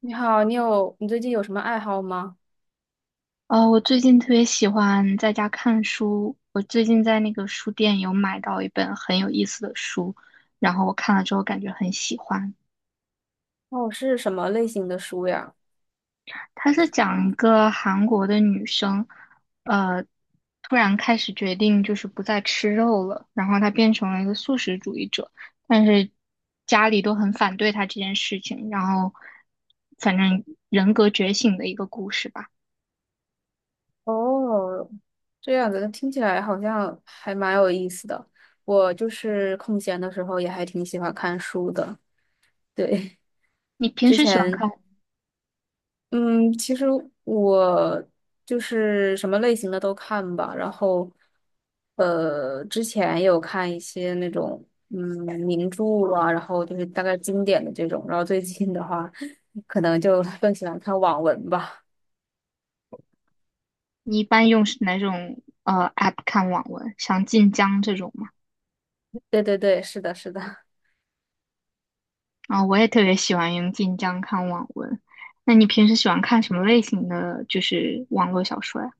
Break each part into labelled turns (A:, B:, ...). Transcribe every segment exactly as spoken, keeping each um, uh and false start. A: 你好，你有，你最近有什么爱好吗？
B: 呃，我最近特别喜欢在家看书。我最近在那个书店有买到一本很有意思的书，然后我看了之后感觉很喜欢。
A: 哦，是什么类型的书呀？
B: 它是讲一个韩国的女生，呃，突然开始决定就是不再吃肉了，然后她变成了一个素食主义者，但是家里都很反对她这件事情，然后反正人格觉醒的一个故事吧。
A: 哦，这样子，听起来好像还蛮有意思的。我就是空闲的时候也还挺喜欢看书的。对，
B: 你 平
A: 之
B: 时喜欢
A: 前
B: 看？
A: 嗯，其实我就是什么类型的都看吧，然后，呃，之前也有看一些那种嗯名著啊，然后就是大概经典的这种，然后最近的话，可能就 更喜欢看网文吧。
B: 你一般用是哪种呃 app 看网文？像晋江这种吗？
A: 对对对，是的，是的。
B: 啊、我也特别喜欢用晋江看网文。那你平时喜欢看什么类型的就是网络小说呀？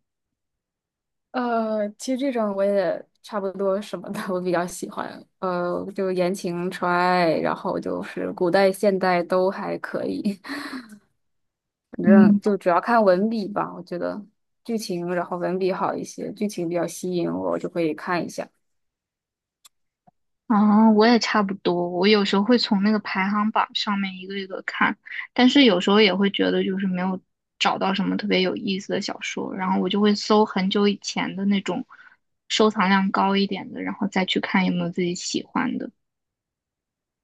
A: 呃，其实这种我也差不多什么的，我比较喜欢。呃，就言情、纯爱，然后就是古代、现代都还可以。反
B: 嗯，
A: 正就主要看文笔吧，我觉得剧情，然后文笔好一些，剧情比较吸引我，我就以看一下。
B: 啊，我也差不多。我有时候会从那个排行榜上面一个一个看，但是有时候也会觉得就是没有找到什么特别有意思的小说，然后我就会搜很久以前的那种收藏量高一点的，然后再去看有没有自己喜欢的。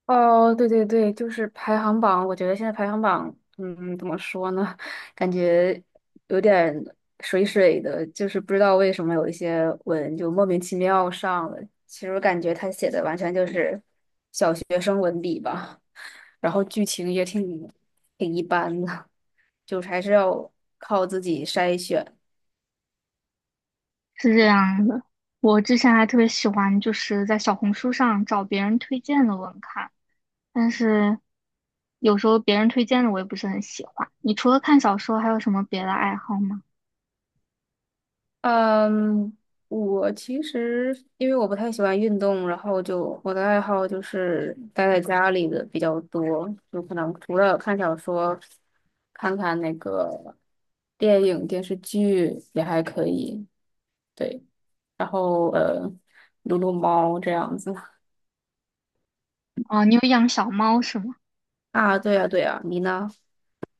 A: 哦，对对对，就是排行榜，我觉得现在排行榜，嗯，怎么说呢？感觉有点水水的，就是不知道为什么有一些文就莫名其妙上了。其实我感觉他写的完全就是小学生文笔吧，然后剧情也挺挺一般的，就是还是要靠自己筛选。
B: 是这样的，我之前还特别喜欢，就是在小红书上找别人推荐的文看，但是有时候别人推荐的我也不是很喜欢。你除了看小说，还有什么别的爱好吗？
A: 嗯，我其实因为我不太喜欢运动，然后就我的爱好就是待在家里的比较多，有可能除了看小说，看看那个电影、电视剧也还可以，对，然后呃，撸撸猫这样子。
B: 哦，你有养小猫是吗？
A: 啊，对呀，对呀，你呢？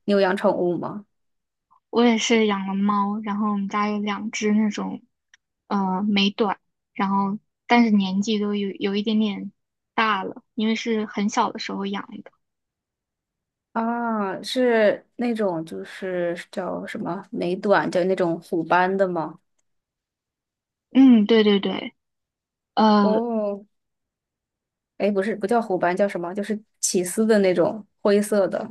A: 你有养宠物吗？
B: 我也是养了猫，然后我们家有两只那种呃美短，然后但是年纪都有有一点点大了，因为是很小的时候养的。
A: 啊，是那种就是叫什么美短，就那种虎斑的吗？
B: 嗯，对对对。呃，
A: 哦，哎，不是，不叫虎斑，叫什么？就是起司的那种灰色的。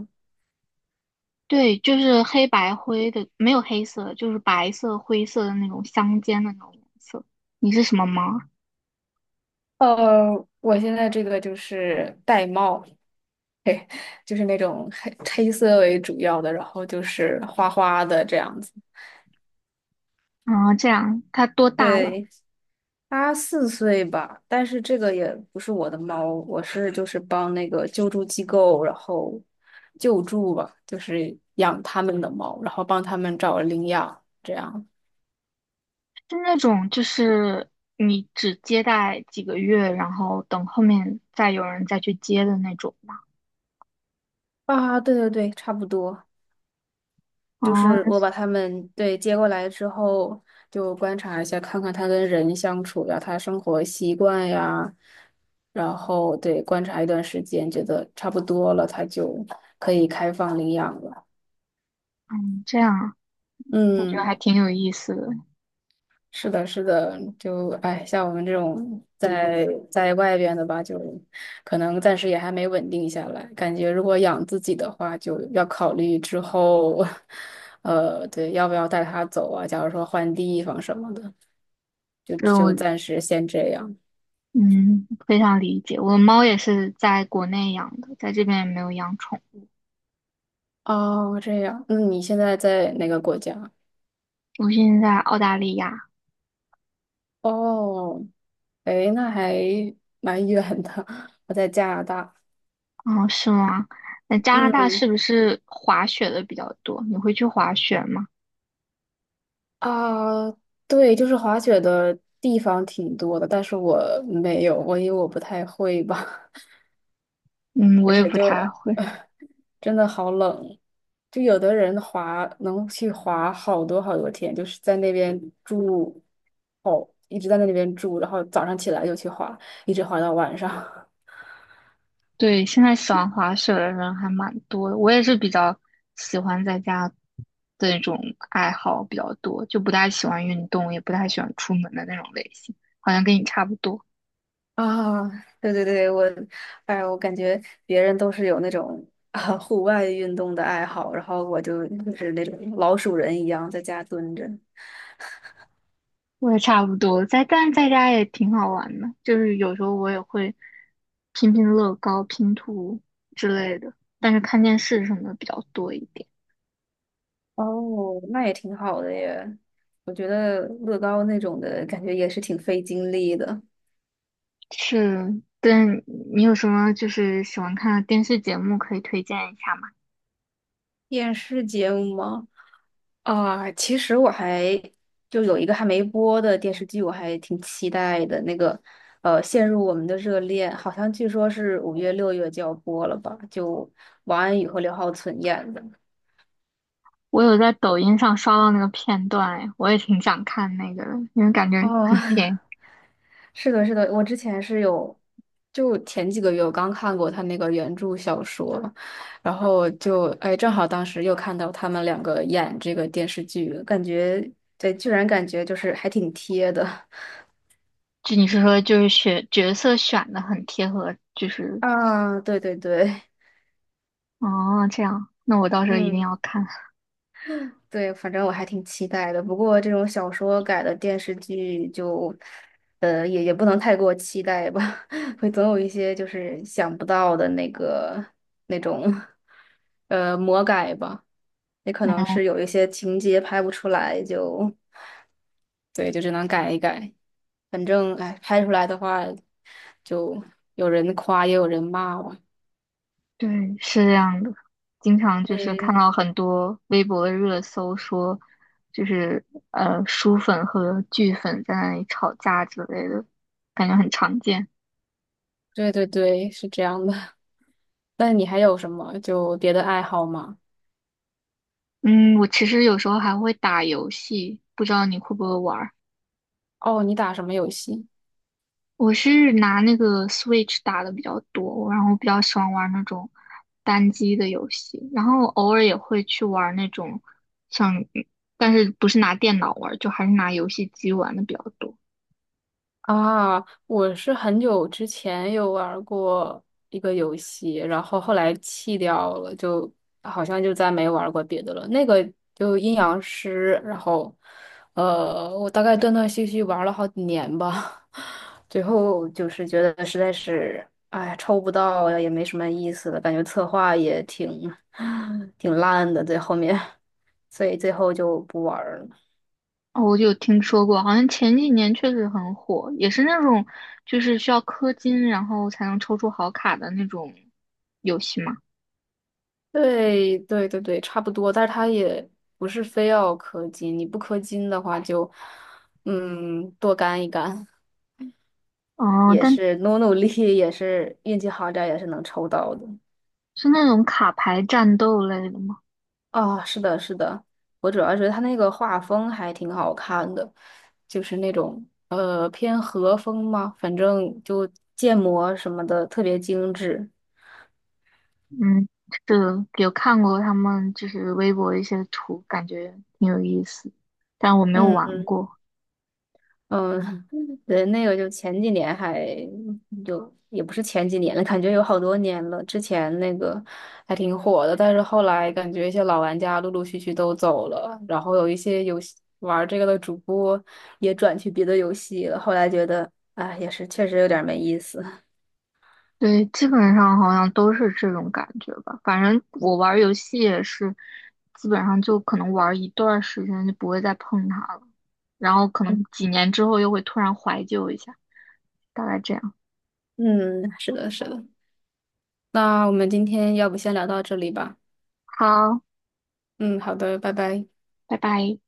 B: 对，就是黑白灰的，没有黑色，就是白色、灰色的那种相间的那种颜色。你是什么猫啊？
A: 呃，我现在这个就是玳瑁，嘿，就是那种黑黑色为主要的，然后就是花花的这样子。
B: 啊，这样，它多大了？
A: 对，它四岁吧，但是这个也不是我的猫，我是就是帮那个救助机构，然后救助吧，就是养他们的猫，然后帮他们找领养，这样。
B: 是那种就是你只接待几个月，然后等后面再有人再去接的那种吗？
A: 啊，对对对，差不多。就
B: 哦，
A: 是我把他们对接过来之后，就观察一下，看看他跟人相处呀，他生活习惯呀，然后对观察一段时间，觉得差不多了，他就可以开放领养了。
B: 嗯，这样啊，我觉得还
A: 嗯，
B: 挺有意思的。
A: 是的，是的，就哎，像我们这种在在外边的吧，就可能暂时也还没稳定下来，感觉如果养自己的话，就要考虑之后。呃，对，要不要带他走啊？假如说换地方什么的。就
B: 就，我
A: 就暂时先这样。
B: 嗯非常理解。我的猫也是在国内养的，在这边也没有养宠。
A: 哦，这样，那你现在在哪个国家？
B: 我现在在澳大利亚。
A: 哦，诶，那还蛮远的，我在加拿大。
B: 哦，是吗？那加拿大
A: 嗯
B: 是不是滑雪的比较多？你会去滑雪吗？
A: 啊，对，就是滑雪的地方挺多的，但是我没有，我因为我不太会吧，
B: 嗯，我
A: 而
B: 也
A: 且
B: 不
A: 就
B: 太会。
A: 真的好冷。就有的人滑能去滑好多好多天，就是在那边住，哦，一直在那里边住，然后早上起来就去滑，一直滑到晚上。
B: 对，现在喜欢滑雪的人还蛮多的，我也是比较喜欢在家的那种爱好比较多，就不太喜欢运动，也不太喜欢出门的那种类型，好像跟你差不多。
A: 啊，对对对，我，哎，我感觉别人都是有那种啊户外运动的爱好，然后我就就是那种老鼠人一样在家蹲着。
B: 我也差不多，在但是在家也挺好玩的，就是有时候我也会拼拼乐高、拼图之类的，但是看电视什么的比较多一点。
A: 哦，那也挺好的耶。我觉得乐高那种的感觉也是挺费精力的。
B: 是，但你有什么就是喜欢看的电视节目可以推荐一下吗？
A: 电视节目吗？啊，其实我还就有一个还没播的电视剧，我还挺期待的。那个呃，《陷入我们的热恋》，好像据说是五月、六月就要播了吧？就王安宇和刘浩存演的。
B: 我有在抖音上刷到那个片段，哎，我也挺想看那个的，因为感觉
A: 哦，
B: 很甜。
A: 是的，是的，我之前是有，就前几个月我刚看过他那个原著小说，然后就哎，正好当时又看到他们两个演这个电视剧，感觉对，居然感觉就是还挺贴的
B: 就你是说就是选角色选的很贴合，就是
A: 啊！对对对。
B: 哦这样，那我到时候一定
A: 嗯，
B: 要看。
A: 对，反正我还挺期待的。不过这种小说改的电视剧就，呃，也也不能太过期待吧，会总有一些就是想不到的那个那种，呃，魔改吧。也可能
B: 嗯，
A: 是有一些情节拍不出来，就，对，就只能改一改。反正，哎，拍出来的话，就有人夸，也有人骂吧。
B: 对，是这样的。经常就是看
A: 嗯，
B: 到很多微博的热搜说，就是呃书粉和剧粉在那里吵架之类的，感觉很常见。
A: 对对对，是这样的。那你还有什么就别的爱好吗？
B: 嗯，我其实有时候还会打游戏，不知道你会不会玩儿？
A: 哦，你打什么游戏
B: 我是拿那个 Switch 打的比较多，然后比较喜欢玩那种单机的游戏，然后偶尔也会去玩那种像，但是不是拿电脑玩儿就还是拿游戏机玩的比较多。
A: 啊？我是很久之前有玩过一个游戏，然后后来弃掉了，就好像就再没玩过别的了。那个就阴阳师，然后呃，我大概断断续续玩了好几年吧，最后就是觉得实在是，哎，抽不到也没什么意思了，感觉策划也挺 挺烂的，在后面，所以最后就不玩儿了。
B: 哦，我就有听说过，好像前几年确实很火，也是那种就是需要氪金然后才能抽出好卡的那种游戏嘛。
A: 对对对对，差不多，但是它也不是非要氪金，你不氪金的话就，嗯，多干一干，
B: 哦，
A: 也
B: 但
A: 是努努力，也是运气好点儿，也是能抽到的。
B: 是那种卡牌战斗类的吗？
A: 啊、是的，是的，我主要觉得它那个画风还挺好看的，就是那种呃偏和风嘛，反正就建模什么的特别精致。
B: 嗯，是的有看过他们就是微博一些图，感觉挺有意思，但我没有
A: 嗯。
B: 玩过。
A: 嗯，对，那个就前几年还就也不是前几年了，感觉有好多年了。之前那个还挺火的，但是后来感觉一些老玩家陆陆续续都走了，然后有一些游戏玩这个的主播也转去别的游戏了。后来觉得，哎，也是确实有点没意思。
B: 对，基本上好像都是这种感觉吧。反正我玩游戏也是，基本上就可能玩一段时间就不会再碰它了，然后可能 几年之后又会突然怀旧一下，大概这样。
A: 嗯，是的，是的。那我们今天要不先聊到这里吧？
B: 好，
A: 嗯，好的，拜拜。
B: 拜拜。